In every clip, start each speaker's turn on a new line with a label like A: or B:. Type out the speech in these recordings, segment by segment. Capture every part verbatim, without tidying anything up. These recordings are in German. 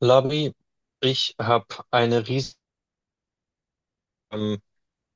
A: Labi, ich habe eine riesige, ähm,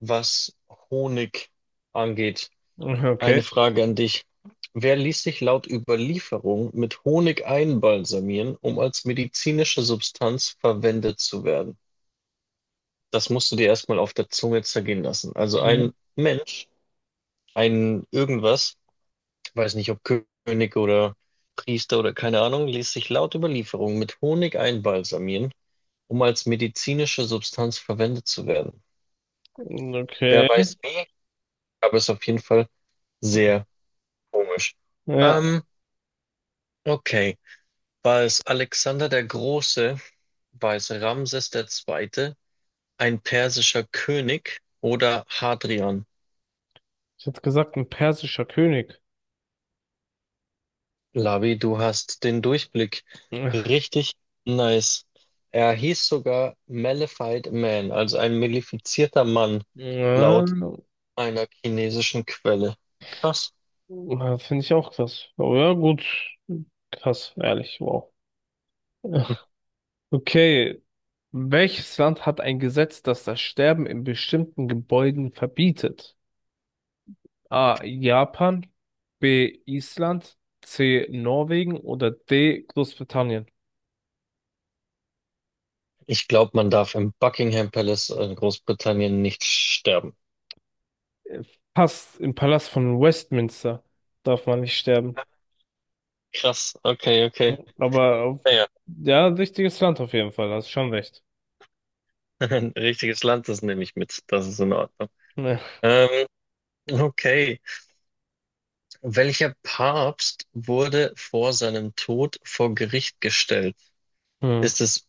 A: was Honig angeht.
B: Okay.
A: Eine Frage an dich. Wer ließ sich laut Überlieferung mit Honig einbalsamieren, um als medizinische Substanz verwendet zu werden? Das musst du dir erstmal auf der Zunge zergehen lassen. Also
B: Mhm.
A: ein Mensch, ein irgendwas, weiß nicht, ob König oder Priester oder keine Ahnung, ließ sich laut Überlieferung mit Honig einbalsamieren, um als medizinische Substanz verwendet zu werden. Wer
B: Okay.
A: weiß wie, aber ist auf jeden Fall sehr komisch.
B: Ja,
A: Ähm, okay. War es Alexander der Große? War es Ramses der Zweite? Ein persischer König oder Hadrian?
B: ich hätte gesagt, ein persischer König.
A: Lavi, du hast den Durchblick.
B: Ja,
A: Richtig nice. Er hieß sogar Malefied Man, also ein malefizierter Mann,
B: ja,
A: laut einer chinesischen Quelle. Krass.
B: finde ich auch krass. Aber ja, gut. Krass, ehrlich, wow. Okay. Welches Land hat ein Gesetz, das das Sterben in bestimmten Gebäuden verbietet? A. Japan, B. Island, C. Norwegen oder D. Großbritannien.
A: Ich glaube, man darf im Buckingham Palace in Großbritannien nicht sterben.
B: Äh, Fast im Palast von Westminster darf man nicht sterben.
A: Krass, okay, okay.
B: Aber auf,
A: Naja,
B: ja, wichtiges Land auf jeden Fall, hast schon recht.
A: ein richtiges Land, das nehme ich mit. Das ist in Ordnung.
B: Ja.
A: Ähm, okay. Welcher Papst wurde vor seinem Tod vor Gericht gestellt?
B: Hm.
A: Ist es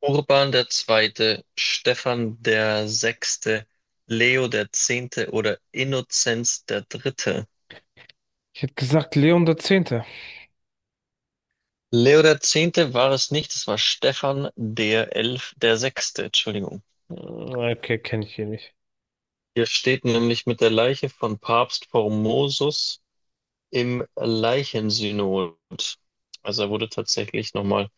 A: Urban der Zweite, Stephan der Sechste, Leo der Zehnte oder Innozenz der Dritte?
B: Ich hätte gesagt Leon der Zehnte.
A: Leo der Zehnte war es nicht, es war Stephan der Elf, der Sechste, Entschuldigung.
B: Okay, kenne ich hier nicht.
A: Hier steht nämlich mit der Leiche von Papst Formosus im Leichensynod. Also er wurde tatsächlich nochmal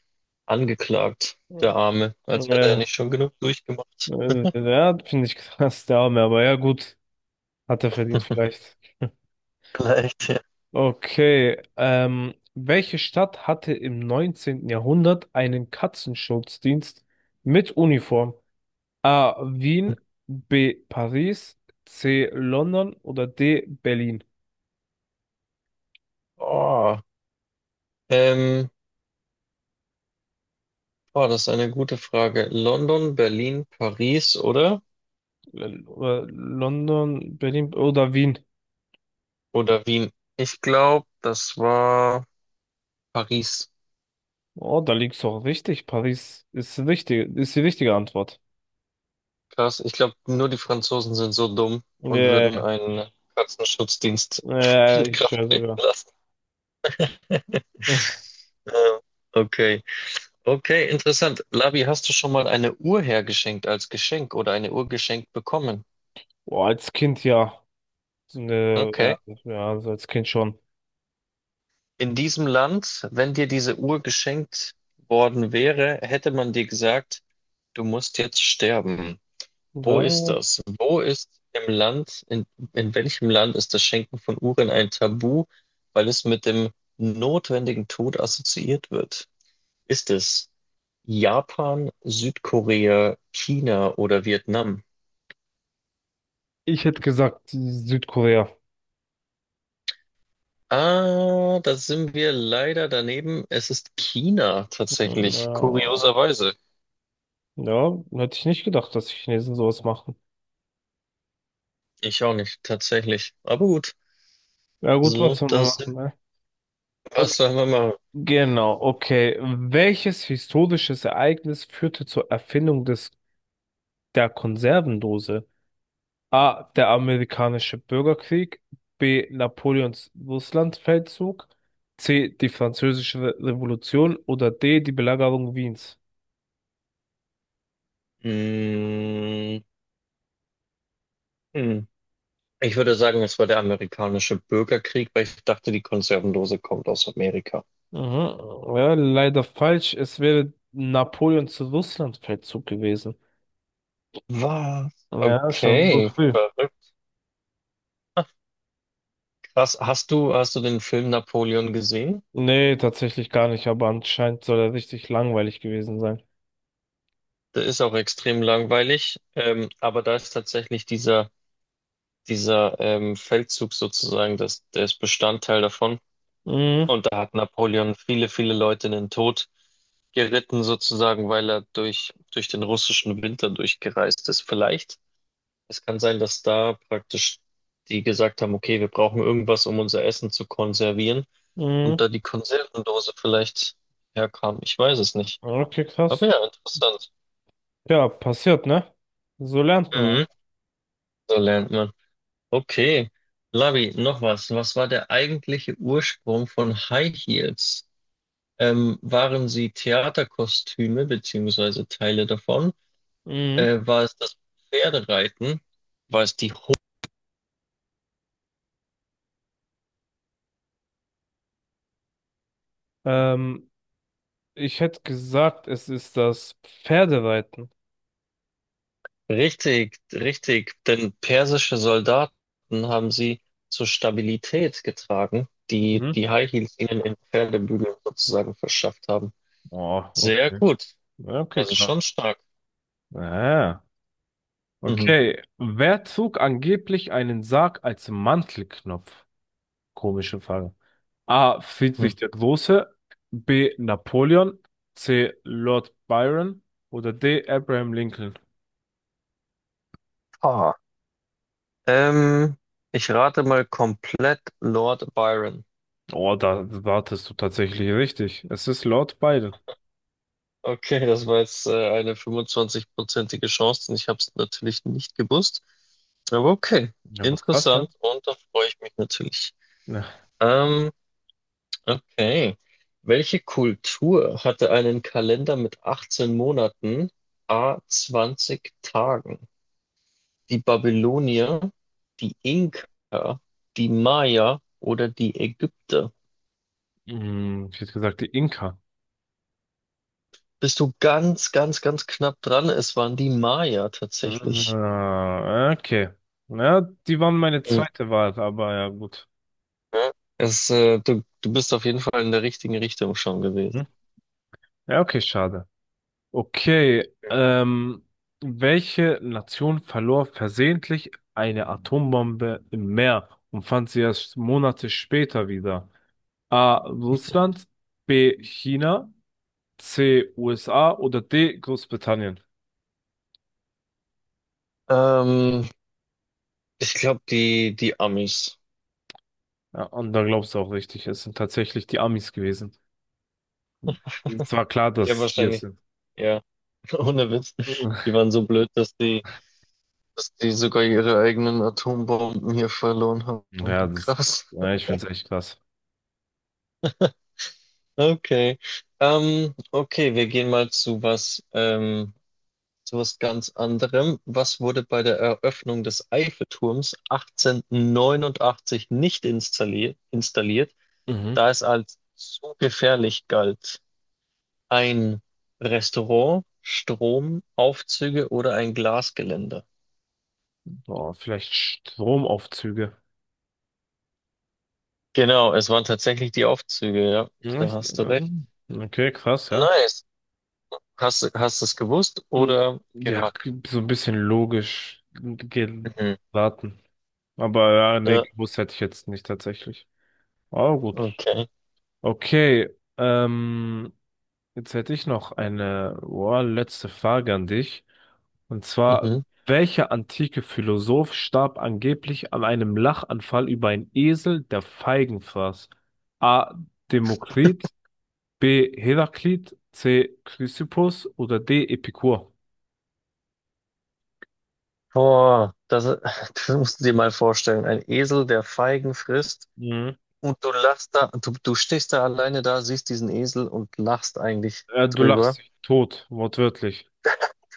A: angeklagt,
B: Ja,
A: der Arme, als hätte er
B: äh,
A: nicht schon genug durchgemacht.
B: ja, finde ich krass, der Arme, aber ja gut, hat er verdient vielleicht.
A: Vielleicht, ja.
B: Okay, ähm, welche Stadt hatte im neunzehnten Jahrhundert einen Katzenschutzdienst mit Uniform? A. Wien, B. Paris, C. London oder D. Berlin?
A: Oh, ähm, oh, das ist eine gute Frage. London, Berlin, Paris, oder?
B: L- äh, London, Berlin oder Wien.
A: Oder Wien? Ich glaube, das war Paris.
B: Oh, da liegst du auch richtig. Paris ist richtig, ist die richtige Antwort.
A: Krass. Ich glaube, nur die Franzosen sind so dumm
B: Ja,
A: und würden
B: ja,
A: einen Katzenschutzdienst
B: ja,
A: in
B: ich
A: Kraft
B: schwöre
A: treten
B: sogar.
A: lassen. Ähm, Okay. Okay, interessant. Labi, hast du schon mal eine Uhr hergeschenkt als Geschenk oder eine Uhr geschenkt bekommen?
B: Oh, als Kind ja. Ne, ja,
A: Okay.
B: ja, also als Kind schon.
A: In diesem Land, wenn dir diese Uhr geschenkt worden wäre, hätte man dir gesagt, du musst jetzt sterben. Wo
B: Ja,
A: ist das? Wo ist im Land, in, in welchem Land ist das Schenken von Uhren ein Tabu, weil es mit dem notwendigen Tod assoziiert wird? Ist es Japan, Südkorea, China oder Vietnam?
B: ich hätte gesagt Südkorea.
A: Ah, da sind wir leider daneben. Es ist China tatsächlich,
B: Ja,
A: kurioserweise.
B: ja, hätte ich nicht gedacht, dass die Chinesen sowas machen.
A: Ich auch nicht, tatsächlich. Aber gut,
B: Ja gut, was
A: so,
B: soll man
A: da
B: machen,
A: sind
B: ne?
A: wir. Was
B: Okay.
A: sollen wir machen?
B: Genau, okay. Welches historisches Ereignis führte zur Erfindung des der Konservendose? A. Der amerikanische Bürgerkrieg. B. Napoleons Russlandfeldzug. C. Die französische Re- Revolution. Oder D. Die Belagerung Wiens.
A: Hm, hm. Ich würde sagen, es war der amerikanische Bürgerkrieg, weil ich dachte, die Konservendose kommt aus Amerika.
B: Mhm. Ja, leider falsch. Es wäre Napoleons Russlandfeldzug gewesen.
A: Was?
B: Ja, schon so
A: Okay,
B: früh.
A: verrückt. Krass. Hast du, hast du den Film Napoleon gesehen?
B: Nee, tatsächlich gar nicht, aber anscheinend soll er richtig langweilig gewesen sein.
A: Der ist auch extrem langweilig, ähm, aber da ist tatsächlich dieser dieser ähm, Feldzug sozusagen, das, der ist Bestandteil davon.
B: Mhm.
A: Und da hat Napoleon viele, viele Leute in den Tod geritten, sozusagen, weil er durch, durch den russischen Winter durchgereist ist. Vielleicht, es kann sein, dass da praktisch die gesagt haben, okay, wir brauchen irgendwas, um unser Essen zu konservieren. Und
B: Mhm.
A: da die Konservendose vielleicht herkam. Ich weiß es nicht.
B: Okay, krass.
A: Aber ja, interessant.
B: Ja, passiert, ne? So lernt man.
A: Mhm. So lernt man. Okay. Lavi, noch was. Was war der eigentliche Ursprung von High Heels? Ähm, waren sie Theaterkostüme beziehungsweise Teile davon?
B: Mhm.
A: Äh, war es das Pferdereiten? War es die Ho
B: Ähm, Ich hätte gesagt, es ist das Pferdereiten.
A: Richtig, richtig. Denn persische Soldaten haben sie zur Stabilität getragen, die
B: Mhm.
A: die High Heels ihnen in Pferdebügeln sozusagen verschafft haben.
B: Oh,
A: Sehr
B: okay.
A: gut.
B: Ja, okay,
A: Also
B: knapp.
A: schon stark.
B: Ah,
A: Mhm.
B: okay. Wer zog angeblich einen Sarg als Mantelknopf? Komische Frage. A.
A: Mhm.
B: Friedrich der Große. B. Napoleon. C. Lord Byron. Oder D. Abraham Lincoln.
A: Ah, Ähm, ich rate mal komplett Lord Byron.
B: Oh, da wartest du tatsächlich richtig. Es ist Lord Byron.
A: Okay, das war jetzt äh, eine fünfundzwanzig-prozentige Chance und ich habe es natürlich nicht gewusst. Aber okay,
B: Ja, aber krass, ja.
A: interessant und da freue ich mich natürlich.
B: Ja.
A: Ähm, okay. Welche Kultur hatte einen Kalender mit achtzehn Monaten, a zwanzig Tagen? Die Babylonier, die Inka, die Maya oder die Ägypter?
B: Hm, ich hätte gesagt, die Inka.
A: Bist du ganz, ganz, ganz knapp dran. Es waren die Maya tatsächlich.
B: Ah, okay. Ja, die waren meine
A: Mhm.
B: zweite Wahl, aber ja, gut.
A: Es, äh, du, du bist auf jeden Fall in der richtigen Richtung schon gewesen.
B: Hm? Ja, okay, schade. Okay, ähm, welche Nation verlor versehentlich eine Atombombe im Meer und fand sie erst Monate später wieder? A. Russland, B. China, C. U S A oder D. Großbritannien?
A: Ähm, ich glaube, die, die Amis.
B: Ja, und da glaubst du auch richtig, es sind tatsächlich die Amis gewesen. Es war klar,
A: Ja,
B: dass wir es
A: wahrscheinlich.
B: sind.
A: Ja, ohne Witz. Die waren so blöd, dass die, dass die sogar ihre eigenen Atombomben hier verloren haben.
B: Ja, das,
A: Krass.
B: ja, ich finde es echt krass.
A: Okay. Ähm, okay, wir gehen mal zu was. Ähm, zu was ganz anderem. Was wurde bei der Eröffnung des Eiffelturms achtzehnhundertneunundachtzig nicht installiert, installiert, da
B: Mhm.
A: es als zu gefährlich galt? Ein Restaurant, Strom, Aufzüge oder ein Glasgeländer?
B: Boah, vielleicht Stromaufzüge.
A: Genau, es waren tatsächlich die Aufzüge, ja.
B: Ja,
A: Da
B: ich-
A: hast du
B: ja.
A: recht.
B: Okay, krass, ja.
A: Nice. Hast, du- hast du es gewusst
B: Mhm.
A: oder
B: Ja,
A: geraten?
B: so ein bisschen logisch
A: Mhm.
B: geraten. Aber ja, nee,
A: Ja,
B: gewusst hätte ich jetzt nicht tatsächlich. Aber gut.
A: okay.
B: Okay, ähm, jetzt hätte ich noch eine, boah, letzte Frage an dich. Und zwar,
A: Mhm.
B: welcher antike Philosoph starb angeblich an einem Lachanfall über einen Esel, der Feigen fraß? A. Demokrit, B. Heraklit, C. Chrysippus oder D. Epikur?
A: Boah, das, das musst du dir mal vorstellen. Ein Esel, der Feigen frisst.
B: Mhm.
A: Und du lachst da, du, du stehst da alleine da, siehst diesen Esel und lachst eigentlich
B: Äh, du lachst
A: drüber.
B: dich tot, wortwörtlich.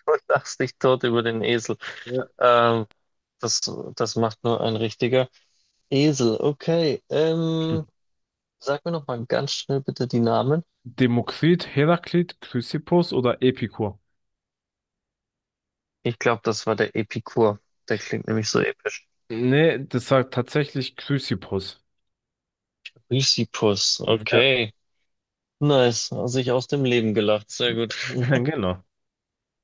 A: Du lachst dich tot über den Esel.
B: Ja.
A: Ähm, das, das macht nur ein richtiger Esel. Okay,
B: Hm.
A: ähm, sag mir noch mal ganz schnell bitte die Namen.
B: Demokrit, Heraklit, Chrysippus oder Epikur?
A: Ich glaube, das war der Epikur. Der klingt nämlich so episch.
B: Nee, das sagt tatsächlich Chrysippus.
A: Lysippus,
B: Mhm. Ja,
A: okay. Nice, sich aus dem Leben gelacht. Sehr gut.
B: genau.